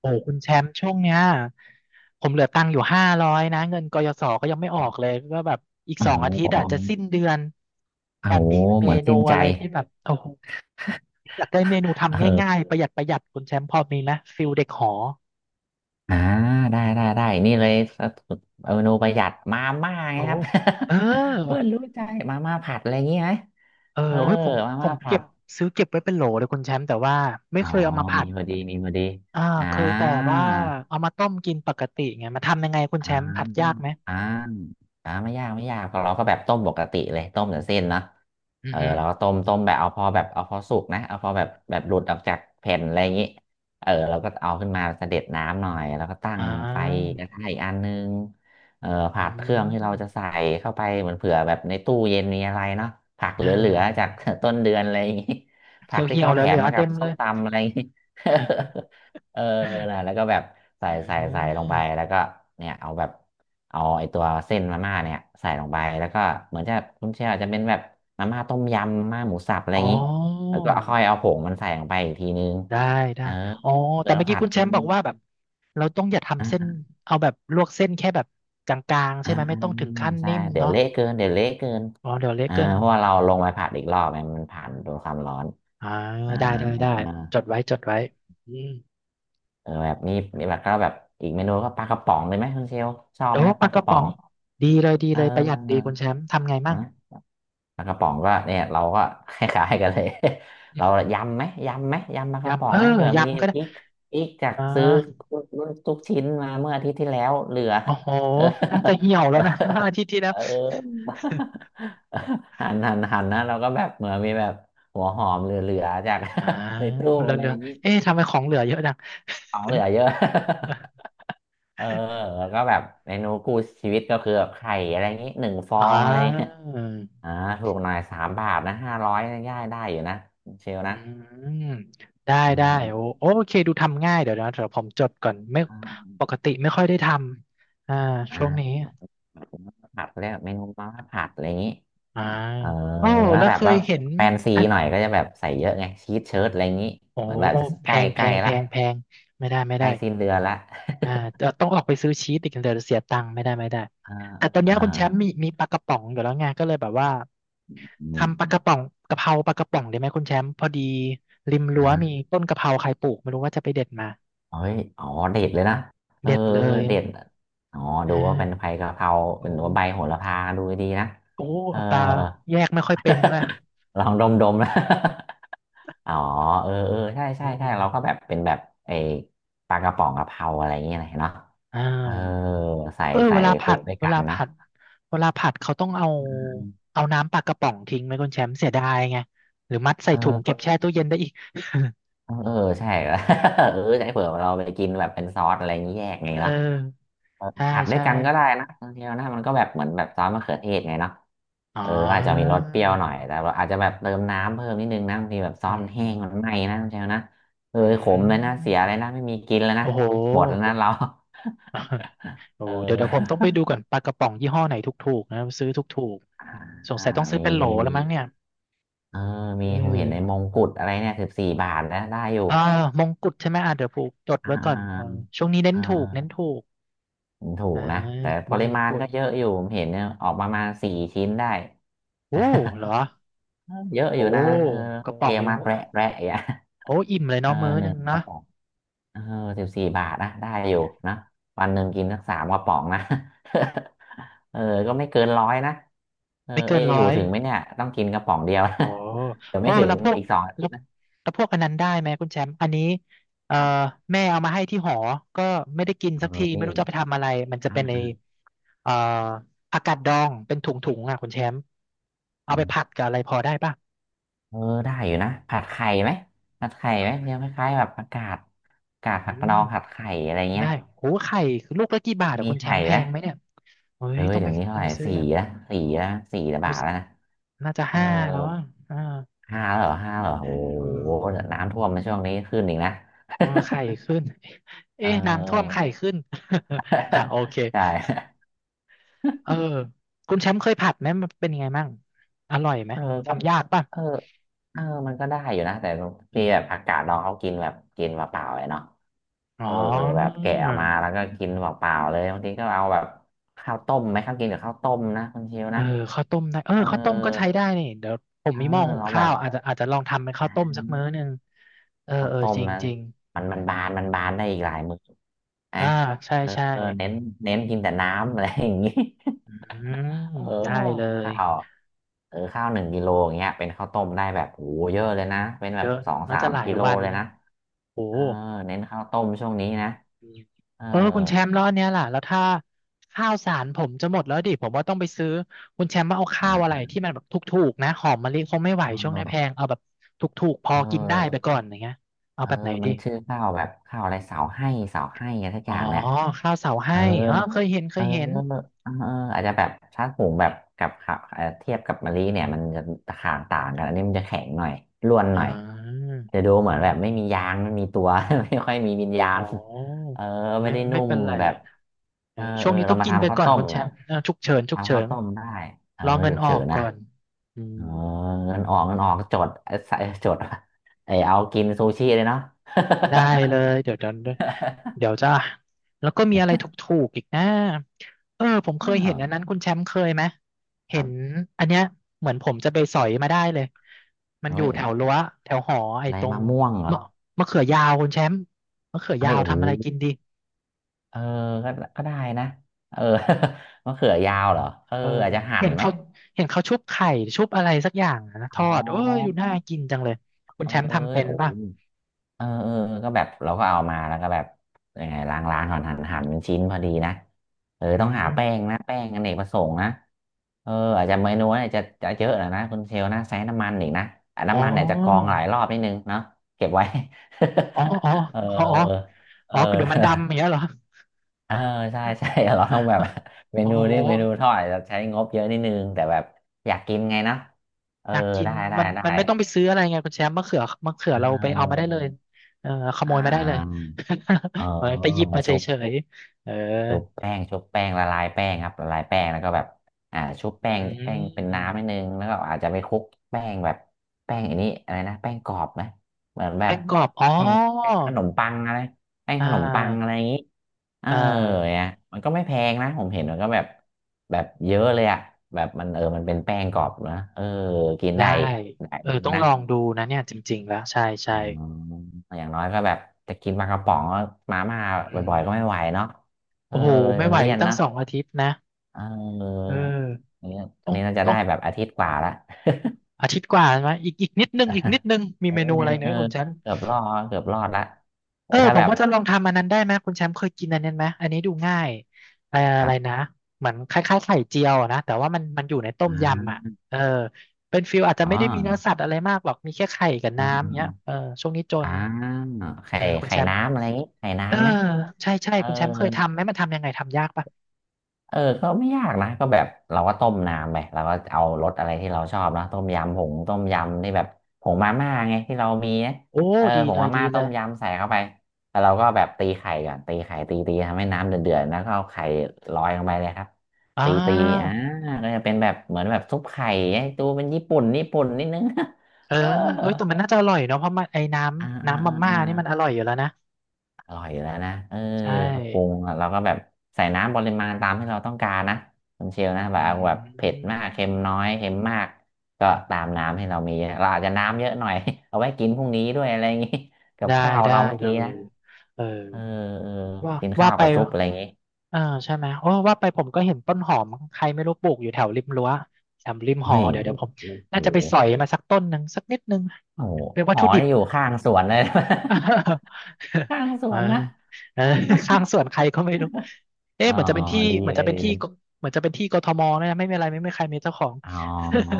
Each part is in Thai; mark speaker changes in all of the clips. Speaker 1: โอ้คุณแชมป์ช่วงเนี้ยผมเหลือตังค์อยู่500นะเงินกยศก็ยังไม่ออกเลยก็แบบอีก
Speaker 2: อ๋
Speaker 1: สองอาทิตย์อาจ
Speaker 2: อ
Speaker 1: จะสิ้นเดือน
Speaker 2: เอ
Speaker 1: แชมป์มีเม
Speaker 2: เหมือน
Speaker 1: นู
Speaker 2: สิ้นใจ
Speaker 1: อะไรที่แบบโอ้โหอยากได้เมนู
Speaker 2: เ
Speaker 1: ทำง่าย
Speaker 2: ออ
Speaker 1: ๆประหยัดประหยัดคุณแชมป์พอมีไหมฟิลเด็กหอ
Speaker 2: อ่าได้ได้ได้ นี่เลยเมนูประหยัดมาม่าไง
Speaker 1: โอ้
Speaker 2: ครับ
Speaker 1: เอ
Speaker 2: เพื่อ
Speaker 1: อ
Speaker 2: นรู้ใจ มาม่าผัดอะไรอย่างงี้ไหม
Speaker 1: เออ
Speaker 2: เออ
Speaker 1: เฮ้ยผม
Speaker 2: มา
Speaker 1: ผ
Speaker 2: ม่า
Speaker 1: ม
Speaker 2: ผั
Speaker 1: เก็บ
Speaker 2: ด
Speaker 1: ซื้อเก็บไว้เป็นโหลเลยคุณแชมป์แต่ว่าไม่
Speaker 2: อ๋อ
Speaker 1: เคยเอามาผั
Speaker 2: มี
Speaker 1: ด
Speaker 2: พอดี มีพอดี
Speaker 1: อ่า
Speaker 2: อ่า
Speaker 1: เคยแต่ว่าเอามาต้มกินปกติไงมาทำยังไงคุณแช
Speaker 2: อ่า
Speaker 1: มป์ผัดยากไหม
Speaker 2: อ่าไม่ยากไม่ยากก็เราก็แบบต้มปกติเลยต้มแต่เส้นนะ
Speaker 1: อือ
Speaker 2: เออ
Speaker 1: ฮึ
Speaker 2: เราก็ต้มแบบเอาพอแบบเอาพอสุกนะเอาพอแบบหลุดออกจากแผ่นอะไรอย่างนี้เออเราก็เอาขึ้นมาเสด็จน้ำหน่อยแล้วก็ตั้
Speaker 1: อ่
Speaker 2: งไฟ
Speaker 1: า
Speaker 2: กระทะอีกอันนึงเออ
Speaker 1: อื
Speaker 2: ผักเครื่องที่เรา
Speaker 1: ม
Speaker 2: จะใส่เข้าไปเหมือนเผื่อแบบในตู้เย็นมีอะไรเนาะผักเหล
Speaker 1: น่า
Speaker 2: ือๆจาก ต้นเดือนอะไรอย่างนี้ผั
Speaker 1: เหี่
Speaker 2: ก
Speaker 1: ยว
Speaker 2: ที่
Speaker 1: เหี่ยว
Speaker 2: เขา
Speaker 1: เหลื
Speaker 2: แถ
Speaker 1: อเหลื
Speaker 2: ม
Speaker 1: อ
Speaker 2: มากั
Speaker 1: เต็
Speaker 2: บ
Speaker 1: มเล
Speaker 2: ส้ม
Speaker 1: ย
Speaker 2: ตำอะไรอย่างนี้
Speaker 1: อ่า
Speaker 2: เออนะแล้วก็แบบใส่ลงไปแล้วก็เนี่ยเอาแบบเอาไอตัวเส้นมาม่าเนี่ยใส่ลงไปแล้วก็เหมือนจะคุณเชลรอาจจะเป็นแบบมาม่าต้มยำมาม่าหมูสับอะไร
Speaker 1: อ๋
Speaker 2: อย่า
Speaker 1: อ
Speaker 2: งนี้แล้วก็ค่อยเอาผงมันใส่ลงไปอีกทีนึง
Speaker 1: ได้ได้
Speaker 2: เออ
Speaker 1: อ๋อ
Speaker 2: เดี๋
Speaker 1: แต่
Speaker 2: ยวเรา
Speaker 1: เมื่อกี้
Speaker 2: ผัด
Speaker 1: คุณแช
Speaker 2: เป็น
Speaker 1: มป์บอกว่าแบบเราต้องอย่า
Speaker 2: อ่า
Speaker 1: ทำเส้น
Speaker 2: อ่า
Speaker 1: เอาแบบลวกเส้นแค่แบบกลางๆใช่ไหม
Speaker 2: อื
Speaker 1: ไม่ต้อง
Speaker 2: ม
Speaker 1: ถึงขั้น
Speaker 2: ใช่
Speaker 1: นิ่ม
Speaker 2: เดี๋ยว
Speaker 1: เนาะ
Speaker 2: เละเกินเดี๋ยวเละเกิน
Speaker 1: อ๋อเดี๋ยวเละเกิน
Speaker 2: เพราะว่าเราลงไปผัดอีกรอบไงมันผ่านโดนความร้อน
Speaker 1: อ่า
Speaker 2: อ่า
Speaker 1: ได้ได้ได้จดไว้จดไว้อืม
Speaker 2: เออแบบนี้มีแบบก็แบบอีกเมนูก็ปลากระป๋องเลยไหมคุณเชลชอบ
Speaker 1: โอ้
Speaker 2: ไหม
Speaker 1: ป
Speaker 2: ป
Speaker 1: ลา
Speaker 2: ลา
Speaker 1: ก
Speaker 2: ก
Speaker 1: ระ
Speaker 2: ระป๋
Speaker 1: ป๋
Speaker 2: อ
Speaker 1: อง
Speaker 2: ง
Speaker 1: ดีเลยดี
Speaker 2: เอ
Speaker 1: เล
Speaker 2: อ
Speaker 1: ยประหยัดดีคุณแชมป์ทำไง
Speaker 2: อ่
Speaker 1: มั่ง
Speaker 2: ะปลากระป๋องก็เนี่ยเราก็ คล้ายๆกันเลย เรายำไหมยำปลากระป๋
Speaker 1: ยำ
Speaker 2: อ
Speaker 1: เอ
Speaker 2: ง
Speaker 1: อ
Speaker 2: ไหมเผื่อมี
Speaker 1: ยำก็
Speaker 2: พ
Speaker 1: ได้
Speaker 2: ริกพริกจาก
Speaker 1: อ่
Speaker 2: ซื้อ
Speaker 1: า
Speaker 2: รุ่นทุกชิ้นมาเมื่ออาทิตย์ที่แล้วเหลือ
Speaker 1: โอ้โห
Speaker 2: เออ
Speaker 1: น่าจะเหี่ยวแล้วนะ อาทิตย์ที่ แล้
Speaker 2: เอ
Speaker 1: ว
Speaker 2: อ หันหันหันนะเราก็แบบเหมือนมีแบบหัวหอมเหลือๆจาก
Speaker 1: อ่า
Speaker 2: ในตู้
Speaker 1: เหลื
Speaker 2: อะ
Speaker 1: อ
Speaker 2: ไร
Speaker 1: เหลื
Speaker 2: อ
Speaker 1: อ
Speaker 2: ย่างนี้
Speaker 1: เอ๊ะทำไมของเหลือเยอะนะ
Speaker 2: ของเหลือเยอะ เออแล้วก็แบบเมนูกู้ชีวิตก็คือแบบไข่อะไรนี้หนึ่งฟอ
Speaker 1: อ่
Speaker 2: งอะไรเงี้ย
Speaker 1: า
Speaker 2: อ่าถูกหน่อย3 บาทนะ500ง่ายได้อยู่นะเชล
Speaker 1: อื
Speaker 2: นะ
Speaker 1: มได้
Speaker 2: อ่
Speaker 1: ได้โอ
Speaker 2: า
Speaker 1: โอเคดูทำง่ายเดี๋ยวนะเดี๋ยวผมจดก่อนไม่
Speaker 2: อ่า
Speaker 1: ปกติไม่ค่อยได้ทำอ่าช่วงนี้
Speaker 2: อ่าผัดเขาเรียกเมนูมาม่าผัดอะไรอย่างนี้
Speaker 1: อ่า
Speaker 2: เออ
Speaker 1: โอ้
Speaker 2: ถ้า
Speaker 1: แล้ว
Speaker 2: แบ
Speaker 1: เค
Speaker 2: บว่า
Speaker 1: ยเห็น
Speaker 2: แฟนซี
Speaker 1: อัน
Speaker 2: หน่อยก็จะแบบใส่เยอะไงชีสเชิ้ตอะไรอย่างนี้
Speaker 1: โอ้
Speaker 2: เหมือนแบบ
Speaker 1: โอ้
Speaker 2: จะ
Speaker 1: แพ
Speaker 2: ใกล้
Speaker 1: งแพ
Speaker 2: ใกล้
Speaker 1: งแพ
Speaker 2: ละ
Speaker 1: งแพงไม่ได้ไม่
Speaker 2: ใก
Speaker 1: ได้
Speaker 2: ล้สิ้นเดือนละ
Speaker 1: อ่าจะต้องออกไปซื้อชีสอีกเดี๋ยวเสียตังค์ไม่ได้ไม่ได้
Speaker 2: อ่า
Speaker 1: แต่ตอนเนี้
Speaker 2: อ่า
Speaker 1: ยคุณแชมป์มีปลากระป๋องอยู่แล้วไงก็เลยแบบว่า
Speaker 2: อื
Speaker 1: ทำปลา
Speaker 2: ม
Speaker 1: กระป๋องกะเพราปลากระป๋องได้ไหมคุณแชมป์พอดีริมรั้วมีต้นกะเพราใครปลูกไม่รู้ว่าจะไปเด็ดมา
Speaker 2: เฮ้ยอ๋อเด็ดเลยนะเออ
Speaker 1: เด็ดเลย
Speaker 2: เด็ดอ๋อ
Speaker 1: น
Speaker 2: ดูว่าเป็น
Speaker 1: ะ
Speaker 2: ใบกะเพราเป็
Speaker 1: โอ้
Speaker 2: นหัวาใบโหระพาดูดีนะ
Speaker 1: โอ้
Speaker 2: เออ
Speaker 1: เอาตาแยกไม่ค่อยเป็นด้วย
Speaker 2: ลองดมนะ อ๋อเออใช่
Speaker 1: เอ
Speaker 2: ใช่
Speaker 1: อเอ
Speaker 2: ใช่
Speaker 1: อ
Speaker 2: เราก็แบบเป็นแบบไอ้ปลากระป๋องกะเพราอะไรอย่างเงี้ยนะเหนนาะ
Speaker 1: อ่
Speaker 2: เออ
Speaker 1: า
Speaker 2: ใส่
Speaker 1: เออ
Speaker 2: ใส่
Speaker 1: เวลา
Speaker 2: คลุ
Speaker 1: ผัด
Speaker 2: กด้วย
Speaker 1: เว
Speaker 2: กั
Speaker 1: ลา
Speaker 2: นนะ
Speaker 1: ผัดเวลาผัดเขาต้องเอาเอาน้ำปลากระป๋องทิ้งไหมคุณแชมป์เสียดายไงหรือมัดใส่
Speaker 2: เออ
Speaker 1: ถุงเก็
Speaker 2: ก็
Speaker 1: บแช่ตู้เย็นได้อีก
Speaker 2: เออใช่ เออใช่เผื่อเราไปกินแบบเป็นซอสอะไรอย่างนี้แยกไง
Speaker 1: เอ
Speaker 2: เนอะ
Speaker 1: อ
Speaker 2: เออ
Speaker 1: ใช่
Speaker 2: ผัดด้วย
Speaker 1: ใช่
Speaker 2: กันก็ได้นะบางทีนะมันก็แบบเหมือนแบบซอสมะเขือเทศไงเนาะ
Speaker 1: อ๋อ
Speaker 2: เอออาจจะมีรสเปรี้ยวหน่อยแต่เราอาจจะแบบเติมน้ำเพิ่มนิดนึงนะบางทีแบบซอ
Speaker 1: อื
Speaker 2: สมันแห้งมั
Speaker 1: ม
Speaker 2: นไหม้นะคุณเชลนะเออ
Speaker 1: อื
Speaker 2: ขมเลยนะเสียเลยนะ
Speaker 1: ม
Speaker 2: ไม่มีกินแล้วนะ
Speaker 1: โอ้โห
Speaker 2: หมดแล้วนะเรา
Speaker 1: โอ้
Speaker 2: เอ
Speaker 1: เดี๋ยวเดี๋ยวผมต้อง
Speaker 2: อ
Speaker 1: ไปดูก่อนปลากระป๋องยี่ห้อไหนถูกๆนะซื้อถูกๆอืมสง
Speaker 2: อ่า
Speaker 1: สัยต้องซื้อ
Speaker 2: มี
Speaker 1: เป็นโหล
Speaker 2: มี
Speaker 1: แล้ว
Speaker 2: มี
Speaker 1: มั้งเนี่ย
Speaker 2: เออมี
Speaker 1: เอ
Speaker 2: ผมเห็น
Speaker 1: อ
Speaker 2: ในมงกุฎอะไรเนี่ยสิบสี่บาทแล้วได้อยู่
Speaker 1: อ่ามงกุฎใช่ไหมอ่าเดี๋ยวผูกจด
Speaker 2: อ่า
Speaker 1: ไว้ก่อนเออช่วงนี้เน้น
Speaker 2: อ่า
Speaker 1: ถูกเน้น
Speaker 2: อ่า
Speaker 1: ถูก
Speaker 2: ถู
Speaker 1: อ่า
Speaker 2: กนะแต่
Speaker 1: ม
Speaker 2: ป
Speaker 1: ง
Speaker 2: ริมาณ
Speaker 1: กุฎ
Speaker 2: ก็เยอะอยู่ผมเห็นเนี่ยออกประมาณ4 ชิ้นได้
Speaker 1: โอ้เหรอ
Speaker 2: เออเยอะอ
Speaker 1: โอ้
Speaker 2: ยู่นะเออ
Speaker 1: กระ
Speaker 2: เท
Speaker 1: ป๋องนี้
Speaker 2: มา
Speaker 1: โอ้
Speaker 2: แปะอ่ะ
Speaker 1: โอ้อิ่มเลย
Speaker 2: เออ
Speaker 1: เนาะมื้อ
Speaker 2: ห
Speaker 1: ห
Speaker 2: นึ่
Speaker 1: นึ่
Speaker 2: ง
Speaker 1: ง
Speaker 2: ก
Speaker 1: นะ
Speaker 2: ระป๋องเออสิบสี่บาทนะได้อยู่นะวันหนึ่งกินสัก3 กระป๋องนะ เออก็ไม่เกินร้อยนะเออ
Speaker 1: ไม่เกิ
Speaker 2: เอะ
Speaker 1: น
Speaker 2: อ
Speaker 1: ร้
Speaker 2: ยู่
Speaker 1: อย
Speaker 2: ถึงไหมเนี่ยต้องกินกระป๋องเดียว
Speaker 1: โอ้
Speaker 2: เดี๋ยว
Speaker 1: โอ้
Speaker 2: ไม่ถึงอีกสองอา
Speaker 1: แล้
Speaker 2: ทิต
Speaker 1: ว
Speaker 2: ย์นะ
Speaker 1: แล้วพวกอันนั้นได้ไหมคุณแชมป์อันนี้เอ่อ
Speaker 2: ครับ
Speaker 1: แม่เอามาให้ที่หอก็ไม่ได้กินสักที
Speaker 2: เอ้
Speaker 1: ไม่รู้
Speaker 2: ย
Speaker 1: จะเอาไปทำอะไรมันจะ
Speaker 2: อ่า
Speaker 1: เป็นใน
Speaker 2: อ่า
Speaker 1: เอ่อผักกาดดองเป็นถุงๆอ่ะคุณแชมป์
Speaker 2: อ่
Speaker 1: เอาไปผั
Speaker 2: า
Speaker 1: ดกับอะไรพอได้ป่ะ
Speaker 2: เออได้อยู่นะผัดไข่ไหมผัดไข่ไหมเนี่ยคล้ายๆแบบอากาศอากา
Speaker 1: อื
Speaker 2: ศผัดกระดองผัด
Speaker 1: ม
Speaker 2: ไข่อะไรเงี้
Speaker 1: ได้
Speaker 2: ย
Speaker 1: โหไข่คือลูกละกี่บาทอะ
Speaker 2: มี
Speaker 1: คุณแช
Speaker 2: ไข่
Speaker 1: มป์แพ
Speaker 2: ไหม
Speaker 1: งไหมเนี่ยเฮ้
Speaker 2: เอ
Speaker 1: ย
Speaker 2: อ
Speaker 1: ต้องไป
Speaker 2: เดี๋ยวนี้เท่า
Speaker 1: ต้อ
Speaker 2: ไห
Speaker 1: ง
Speaker 2: ร่
Speaker 1: ไปซื้อ
Speaker 2: สี่
Speaker 1: อะ
Speaker 2: ละสี่ละสี่ละ
Speaker 1: อุ้
Speaker 2: บา
Speaker 1: ย
Speaker 2: ทแล้วนะ
Speaker 1: น่าจะ
Speaker 2: เออ
Speaker 1: ห้าแล้วอ่ะอ่า
Speaker 2: ห้าเหรอห้าเหรอโอ้
Speaker 1: ห้า
Speaker 2: โ
Speaker 1: เอ
Speaker 2: ห
Speaker 1: อ
Speaker 2: น้ำท่วมในะช่วงนี้ขึ้นอีกนะ
Speaker 1: อ๋อไข่ขึ้น
Speaker 2: เอ
Speaker 1: เอ๊ะน้ำท่วม
Speaker 2: อ
Speaker 1: ไข่ขึ้น อ่ะโอเค
Speaker 2: ใช่
Speaker 1: เออคุณแชมป์เคยผัดไหมมันเป็นยังไงมั่งอร่อยไหม
Speaker 2: เออก็
Speaker 1: ทำยากป่ะ
Speaker 2: เออเออมันก็ได้อยู่นะแต่บางทีแบบอากาศเร้อนเขากินแบบกินเปล่าๆเลยเนาะ
Speaker 1: อ๋อ
Speaker 2: เออแบบแกะออกมาแล้วก็กินเปล่าๆเลยบางทีก็เอาแบบข้าวต้มไหมข้าวกินกับข้าวต้มนะคุณชิว
Speaker 1: เออ
Speaker 2: นะ
Speaker 1: ข้าวต้มได้เออ
Speaker 2: เออ
Speaker 1: ข้าวต้มก็ใช้ได้นี่เดี๋ยวผม
Speaker 2: เออ
Speaker 1: มีหม้อหุง
Speaker 2: เราแบ
Speaker 1: ข้าว
Speaker 2: บ
Speaker 1: อาจจะอาจจะลองทำเป็นข้าวต้มสักมื้อหนึ่งเออ
Speaker 2: ข้าว
Speaker 1: เออ
Speaker 2: ต้ม
Speaker 1: จริง
Speaker 2: นะ
Speaker 1: จริง
Speaker 2: มันบานมันบานได้อีกหลายมื้อนะ
Speaker 1: อ่าใช่
Speaker 2: เออ
Speaker 1: ใช่
Speaker 2: เออเน้นเน้นกินแต่น้ำ อะไรอย่างงี้
Speaker 1: อืม
Speaker 2: เออ
Speaker 1: ได้เลย
Speaker 2: ข้าวเออข้าวหนึ่งกิโลอย่างเงี้ยเป็นข้าวต้มได้แบบโหเยอะเลยนะเป็นแบ
Speaker 1: เย
Speaker 2: บ
Speaker 1: อะ
Speaker 2: สอง
Speaker 1: น่า
Speaker 2: สา
Speaker 1: จะ
Speaker 2: ม
Speaker 1: หลาย
Speaker 2: กิโล
Speaker 1: วัน
Speaker 2: เลยนะ
Speaker 1: โอ้
Speaker 2: เออเน้นข้าวต้มช่วงนี้นะเออ
Speaker 1: เออคุณแชมป์แล้วอันเนี้ยล่ะแล้วถ้าข้าวสารผมจะหมดแล้วดิผมว่าต้องไปซื้อคุณแชมป์ว่าเอาข้า
Speaker 2: อ่ะ
Speaker 1: วอะไรที่มันแบบถูกๆนะหอมมะลิคงไม่ไหว
Speaker 2: เอ
Speaker 1: ช่วงนี้แพง
Speaker 2: อ
Speaker 1: เอาแบบถูกๆพ
Speaker 2: เ
Speaker 1: อกินได้ไป
Speaker 2: ออ
Speaker 1: ก่อนอย่างเงี้ยเอา
Speaker 2: เออ
Speaker 1: แบบไหน
Speaker 2: มั
Speaker 1: ดิ
Speaker 2: นชื่อข้าวแบบข้าวอะไรเสาให้เสาให้อะไรสักอ
Speaker 1: อ๋อ
Speaker 2: ย่างเนี่ย
Speaker 1: ข้าวเสา
Speaker 2: เอ
Speaker 1: ให้
Speaker 2: อ
Speaker 1: อ๋อเคยเห็นเค
Speaker 2: เอ
Speaker 1: ย
Speaker 2: อ
Speaker 1: เห็น
Speaker 2: เอออาจจะแบบถ้าหุงแบบกับข้าวเทียบกับมะลิเนี่ยมันจะตะข่างต่างกันอันนี้มันจะแข็งหน่อยร่วนห
Speaker 1: อ่
Speaker 2: น่อย
Speaker 1: า
Speaker 2: จะดูเหมือนแบบไม่มียางไม่มีตัว ไม่ค่อยมีวิญญา
Speaker 1: อ๋
Speaker 2: ณ
Speaker 1: อ
Speaker 2: เออไม่
Speaker 1: ไม่
Speaker 2: ได้
Speaker 1: ไม่
Speaker 2: นุ่ม
Speaker 1: เป็นไร
Speaker 2: แบบ
Speaker 1: เอ
Speaker 2: เอ
Speaker 1: อ
Speaker 2: อ
Speaker 1: ช่ว
Speaker 2: เอ
Speaker 1: ง
Speaker 2: อ
Speaker 1: นี้
Speaker 2: เรา
Speaker 1: ต้อง
Speaker 2: มา
Speaker 1: กินไป
Speaker 2: ทำข้าว
Speaker 1: ก่อน
Speaker 2: ต้
Speaker 1: คุ
Speaker 2: ม
Speaker 1: ณแช
Speaker 2: อ่ะ
Speaker 1: มป์เออฉุกเฉินฉุก
Speaker 2: ทำ
Speaker 1: เฉิ
Speaker 2: ข้าว
Speaker 1: น
Speaker 2: ต้มได้เออ
Speaker 1: รอเงิน
Speaker 2: ฉุก
Speaker 1: ออ
Speaker 2: เฉิ
Speaker 1: ก
Speaker 2: นนะ
Speaker 1: ก่อนอืม
Speaker 2: เออเงินออกจดเอ้ยใส่จด เออเอากินซูชิเลยเนาะ
Speaker 1: ได้เลย เดี๋ยวจะเดี๋ยวจะแล้วก็มีอะไรถูกๆอีกนะเออผม เค
Speaker 2: อ้า
Speaker 1: ยเห็น
Speaker 2: ว
Speaker 1: อันนั้นคุณแชมป์เคยไหม
Speaker 2: ค
Speaker 1: เห็
Speaker 2: รั
Speaker 1: น
Speaker 2: บ
Speaker 1: อันเนี้ยเหมือนผมจะไปสอยมาได้เลย มัน
Speaker 2: เฮ้
Speaker 1: อยู่
Speaker 2: ย
Speaker 1: แถวรั้วแถวหอไอ้
Speaker 2: อะไร
Speaker 1: ตรง
Speaker 2: มะม่วงเหรอ
Speaker 1: มะมะเขือยาวคุณแชมป์มะเขือ
Speaker 2: เฮ้
Speaker 1: ยา
Speaker 2: ย
Speaker 1: ว
Speaker 2: โอ้โห
Speaker 1: ทำอะไรกินดี
Speaker 2: เออก็ก็ได้นะ เออ มะเขือยาวเหรอเออ
Speaker 1: เออ
Speaker 2: อาจจะหั่
Speaker 1: เห็
Speaker 2: น
Speaker 1: น
Speaker 2: ไหม
Speaker 1: เขาเห็นเขาชุบไข่ชุบอะไรสักอย่างอะนะท
Speaker 2: อ๋อ
Speaker 1: อดเอออยู่น่ากินจังเลยคุณ
Speaker 2: เออ
Speaker 1: แชมป์ทำเป็น
Speaker 2: โอ้
Speaker 1: ป่ะ
Speaker 2: ยเออก็แบบเราก็เอามาแล้วก็แบบยังไงล้างล้างหั่นหั่นเป็นชิ้นพอดีนะเออ
Speaker 1: อื
Speaker 2: ต้องหาแป้ง
Speaker 1: ม
Speaker 2: นะแป้งอเนกประสงค์นะเอออาจจะเมนูอาจจะเยอะหน่อยนะคุณเชลนะใช้น้ำมันอีกนะอ่ะ
Speaker 1: อ๋อ
Speaker 2: น้ำมันเนี่ยจะกองหลายรอบนิดนึงเนาะเก็บไว้
Speaker 1: อ๋ออ๋อ
Speaker 2: เ
Speaker 1: อ๋อ
Speaker 2: ออเ
Speaker 1: อ๋อเดี๋ยวมันดำ
Speaker 2: ออ
Speaker 1: อย่างเงี้ยเหรอ
Speaker 2: เออใช่ ใช่ เราต้องแบบเม
Speaker 1: โอ้
Speaker 2: นู
Speaker 1: โห
Speaker 2: นี่เมนูทอดอาจจะใช้งบเยอะนิดนึงแต่แบบอยากกินไงนะเออ
Speaker 1: อยากกิน
Speaker 2: ได้ได้
Speaker 1: มัน
Speaker 2: ได้
Speaker 1: มันไม่ต้องไปซื้ออะไรไงคุณแชมป์มะเขือมะเขือ
Speaker 2: อ่
Speaker 1: เราไปเอามาได้
Speaker 2: า
Speaker 1: เลยเออขโม
Speaker 2: อ่
Speaker 1: ยมาได้เลย
Speaker 2: าเออ
Speaker 1: เออไปหยิบ
Speaker 2: มา
Speaker 1: มาเฉ
Speaker 2: ชุบ
Speaker 1: ยๆเออ
Speaker 2: ชุบแป้งละลายแป้งครับละลายแป้งแล้วก็แบบอ่าชุบแป้
Speaker 1: อื
Speaker 2: งแป้งเป็นน้ำนิด
Speaker 1: ม
Speaker 2: นึงแล้วก็อาจจะไปคลุกแป้งแบบแป้งอันนี้อะไรนะแป้งกรอบไหมเหมือนแบ
Speaker 1: แป้
Speaker 2: บ
Speaker 1: งกรอบ อ๋อ
Speaker 2: แป้งแป้งขนมปังอะไรแป้ง
Speaker 1: อ่
Speaker 2: ขนมปังอะไร
Speaker 1: า
Speaker 2: อย่างนี้เออ
Speaker 1: อ่า
Speaker 2: เนี่ยมันก็ไม่แพงนะผมเห็นมันก็แบบแบบเยอะเลยอะแบบมันเออมันเป็นแป้งกรอบนะเออกิน
Speaker 1: ได้
Speaker 2: ได้หลาย
Speaker 1: เออ
Speaker 2: มื้อ
Speaker 1: ต้อง
Speaker 2: นะ
Speaker 1: ลองดูนะเนี่ยจริงๆ แล้วใช่
Speaker 2: อ๋
Speaker 1: ใช่
Speaker 2: ออย่างน้อยก็แบบจะกินปลากระป๋องก็มาม่า
Speaker 1: อืม
Speaker 2: บ่อยๆก็ไม่ไหวเนาะเออ
Speaker 1: โอ้โห ไม่
Speaker 2: มั
Speaker 1: ไห
Speaker 2: น
Speaker 1: ว
Speaker 2: เลี่ยน
Speaker 1: ตั้ง
Speaker 2: เนาะ
Speaker 1: 2 อาทิตย์นะ
Speaker 2: เอ
Speaker 1: เอ
Speaker 2: อ
Speaker 1: อ
Speaker 2: อันนี้อั
Speaker 1: ต้อ
Speaker 2: น
Speaker 1: ง
Speaker 2: นี้น่าจะ
Speaker 1: ต้อ
Speaker 2: ได้
Speaker 1: ง
Speaker 2: แบบอาทิตย์กว่าละ
Speaker 1: อาทิตย์กว่าใช่ไหมอีกอีกนิดนึงอีกนิ ดนึงมี
Speaker 2: อั
Speaker 1: เม
Speaker 2: น
Speaker 1: นู
Speaker 2: นี้นึ
Speaker 1: อะไร
Speaker 2: ง
Speaker 1: เน
Speaker 2: เอ
Speaker 1: อะ
Speaker 2: อ
Speaker 1: คุณแชมป์
Speaker 2: เกือบรอดละ
Speaker 1: เออ
Speaker 2: แต่ถ้า
Speaker 1: ผ
Speaker 2: แบ
Speaker 1: ม
Speaker 2: บ
Speaker 1: ว่าจะลองทำอันนั้นได้ไหมคุณแชมป์เคยกินอันนั้นไหมอันนี้ดูง่ายเอ่อ
Speaker 2: ค
Speaker 1: อะไร
Speaker 2: รั
Speaker 1: นะ
Speaker 2: บ
Speaker 1: เหมือนคล้ายๆไข่เจียวอะนะแต่ว่ามันอยู่ในต้
Speaker 2: อ่
Speaker 1: มยำอ่ะ
Speaker 2: า
Speaker 1: เออเป็นฟิลอาจจะ
Speaker 2: อ๋อ
Speaker 1: ไม่ได้มีเนื้อสัตว์อะไรมากหรอกมีแค่ไข่กับ
Speaker 2: อ่า
Speaker 1: น้ำเนี้ย
Speaker 2: อ่า
Speaker 1: เออช่วงนี้จน
Speaker 2: อ่าไข่
Speaker 1: เออคุณ
Speaker 2: ไข่
Speaker 1: แชมป์
Speaker 2: น้ำอะไรงี้ไข่
Speaker 1: เออ
Speaker 2: น้ำไหม
Speaker 1: ใช่ใช่
Speaker 2: เออ
Speaker 1: คุณแชมป์เคยทำไหมมันทำยังไงทำยากปะ
Speaker 2: เออก็ไม่ยากนะก็แบบเราก็ต้มน้ำไปเราก็เอารสอะไรที่เราชอบนะต้มยำผงต้มยำที่แบบผงมาม่าไงที่เรามีนะ
Speaker 1: โอ้
Speaker 2: เออ
Speaker 1: ดี
Speaker 2: ผง
Speaker 1: เลย
Speaker 2: มา
Speaker 1: ดี
Speaker 2: ม่า
Speaker 1: เล
Speaker 2: ต้ม
Speaker 1: ย
Speaker 2: ยำใส่เข้าไปแล้วเราก็แบบตีไข่ก่อนตีไข่ตีทำให้น้ำเดือดๆแล้วก็เอาไข่ลอยลงไปเลยครับ
Speaker 1: อ่
Speaker 2: ตีตีอ่า
Speaker 1: า
Speaker 2: ก็จะเป็นแบบเหมือนแบบซุปไข่ไงดูเป็นญี่ปุ่นญี่ปุ่นนิดนึง
Speaker 1: เออ
Speaker 2: เออ
Speaker 1: เอ้ยแต่มันน่าจะอร่อยเนาะเพราะมันไอ้น้
Speaker 2: อ่า
Speaker 1: ำ
Speaker 2: อ่า
Speaker 1: น้ำมาม่า
Speaker 2: อ่า
Speaker 1: นี่มันอร่อยอยู่แล้วนะ
Speaker 2: อร่อยอยู่แล้วนะเออ
Speaker 1: ใช่
Speaker 2: ก็ปรุงอะเราก็แบบใส่น้ำปริมาณตามที่เราต้องการนะคุณเชลนะแบ
Speaker 1: อื
Speaker 2: บเอาแบบเผ็ด
Speaker 1: ม
Speaker 2: มาก เค็มน้อยเค็มมากก็ตามน้ำให้เรามีเยราอาจจะน้ำเยอะหน่อย เอาไว้กินพรุ่งนี้ด้วยอะไรอย่างงี้ กับ
Speaker 1: ได้
Speaker 2: ข้าว
Speaker 1: ได้
Speaker 2: เราเมื่อ
Speaker 1: เล
Speaker 2: กี้นะ
Speaker 1: ยเออ
Speaker 2: เออเออ
Speaker 1: ว่า
Speaker 2: กิน
Speaker 1: ว่า
Speaker 2: ข้าว
Speaker 1: ไป
Speaker 2: กับซุปอะไรอย่างงี้
Speaker 1: เออใช่ไหมโอ้ว่าไปผมก็เห็นต้นหอมใครไม่รู้ปลูกอยู่แถวริมรั้วแถวริมห
Speaker 2: เฮ้
Speaker 1: อ
Speaker 2: ย
Speaker 1: เดี๋ยวผม
Speaker 2: โอ้โห
Speaker 1: น่าจะไปสอยมาสักต้นหนึ่งสักนิดนึง
Speaker 2: โอ้โห
Speaker 1: เป็นวั
Speaker 2: ห
Speaker 1: ต
Speaker 2: อ
Speaker 1: ถุดิบ
Speaker 2: นี่อยู่ข้างสวนเลย ข้างส
Speaker 1: เออ
Speaker 2: วนนะ
Speaker 1: เอ อ
Speaker 2: เอ
Speaker 1: ข้าง
Speaker 2: อ
Speaker 1: สวนใครก็ไม่รู้
Speaker 2: อ๋
Speaker 1: เอ๊ะ
Speaker 2: อ
Speaker 1: เหมือนจะเป็นที่
Speaker 2: ดี
Speaker 1: เหมือน
Speaker 2: เล
Speaker 1: จะ
Speaker 2: ย
Speaker 1: เป็น
Speaker 2: ดี
Speaker 1: ที่
Speaker 2: เลย
Speaker 1: กเหมือนจะเป็นที่กทมนะไม่มีอะไรไม่มีใครมีเจ้าของ
Speaker 2: อ๋อ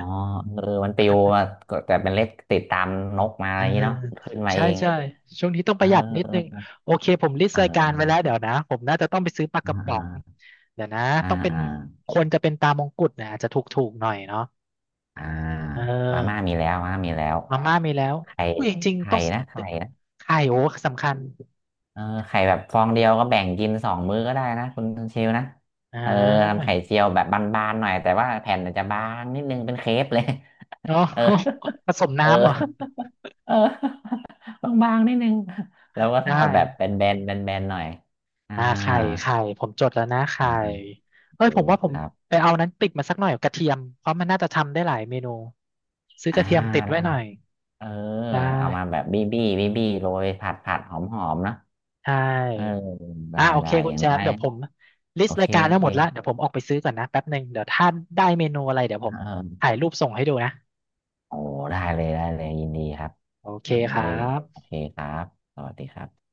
Speaker 2: เออมันปิวมาก็แต่เป็นเลขติดตามนกมาอะ
Speaker 1: อ่า
Speaker 2: ไรอย่างนี้เนาะขึ้นมา
Speaker 1: ใช่
Speaker 2: เอง
Speaker 1: ใช่ช่วงนี้ต้อง
Speaker 2: เ
Speaker 1: ประหยัดนิดนึง
Speaker 2: ออ
Speaker 1: โอเคผมลิสต์
Speaker 2: เอ
Speaker 1: รายการไว้
Speaker 2: อ
Speaker 1: แล้วเดี๋ยวนะผมน่าจะต้องไปซื้อปลา
Speaker 2: เ
Speaker 1: กระป๋อง
Speaker 2: ออ
Speaker 1: เดี๋ยวนะ
Speaker 2: อ่า
Speaker 1: ต้องเป็น
Speaker 2: อ่า
Speaker 1: ควรจะเป็นตามงกุฎนะอาจจะถูกๆหน่อยเนาะ
Speaker 2: อ่า
Speaker 1: เอ
Speaker 2: อ่ามาม่า
Speaker 1: อ
Speaker 2: มีแล้วมาม่ามีแล้ว
Speaker 1: มาม่ามีแล้ว
Speaker 2: ไข่
Speaker 1: อุ้ยจริงๆ
Speaker 2: ไข่
Speaker 1: ต้อง
Speaker 2: นะไข่นะ
Speaker 1: ไข่โอ้สำคัญ
Speaker 2: เออไข่แบบฟองเดียวก็แบ่งกินสองมื้อก็ได้นะคุณชิวนะ
Speaker 1: อ่
Speaker 2: เออ
Speaker 1: า
Speaker 2: ทำไข่เจียวแบบบานๆหน่อยแต่ว่าแผ่นอาจจะบางนิดนึงเป็นเครปเลย
Speaker 1: เนาะ
Speaker 2: เออ
Speaker 1: ผสม
Speaker 2: เอ
Speaker 1: น้ำเหรอ
Speaker 2: อเออบางๆนิดนึง แล้วก็ท
Speaker 1: ได้
Speaker 2: อดแบบแบนๆแบนๆหน่อยอ่า
Speaker 1: อ่าไข่ผมจดแล้วนะ
Speaker 2: อ่า
Speaker 1: ไข่
Speaker 2: โอ
Speaker 1: เอ้
Speaker 2: เค
Speaker 1: ยผมว่าผ
Speaker 2: ค
Speaker 1: ม
Speaker 2: รับ
Speaker 1: ไปเอานั้นติดมาสักหน่อยกระเทียมเพราะมันน่าจะทำได้หลายเมนูซื้อก
Speaker 2: อ่า
Speaker 1: ระเทียมติดไว้
Speaker 2: ได้
Speaker 1: หน่อย
Speaker 2: เออ
Speaker 1: ได้
Speaker 2: เอามาแบบบี้โรยผัดผัดหอมหอมนะ
Speaker 1: ใช่
Speaker 2: เออได้
Speaker 1: อ่ะโอเค
Speaker 2: ได้
Speaker 1: คุ
Speaker 2: อ
Speaker 1: ณ
Speaker 2: ย่าง
Speaker 1: แช
Speaker 2: น้
Speaker 1: ม
Speaker 2: อ
Speaker 1: ป์
Speaker 2: ย
Speaker 1: เดี๋ยวผมลิ
Speaker 2: โอ
Speaker 1: สต์
Speaker 2: เค
Speaker 1: รายการ
Speaker 2: โอ
Speaker 1: ทั้งห
Speaker 2: เค
Speaker 1: มดแล้วเดี๋ยวผมออกไปซื้อก่อนนะแป๊บหนึ่งเดี๋ยวถ้าได้เมนูอะไรเดี๋ยว
Speaker 2: เ
Speaker 1: ผม
Speaker 2: ออ
Speaker 1: ถ่ายรูปส่งให้ดูนะ
Speaker 2: โอ้ได้เลยได้เลย ยินดีครับ
Speaker 1: โอเค
Speaker 2: เอ้
Speaker 1: ครั
Speaker 2: ยโอ
Speaker 1: บ
Speaker 2: เคครับสวัสดีครับ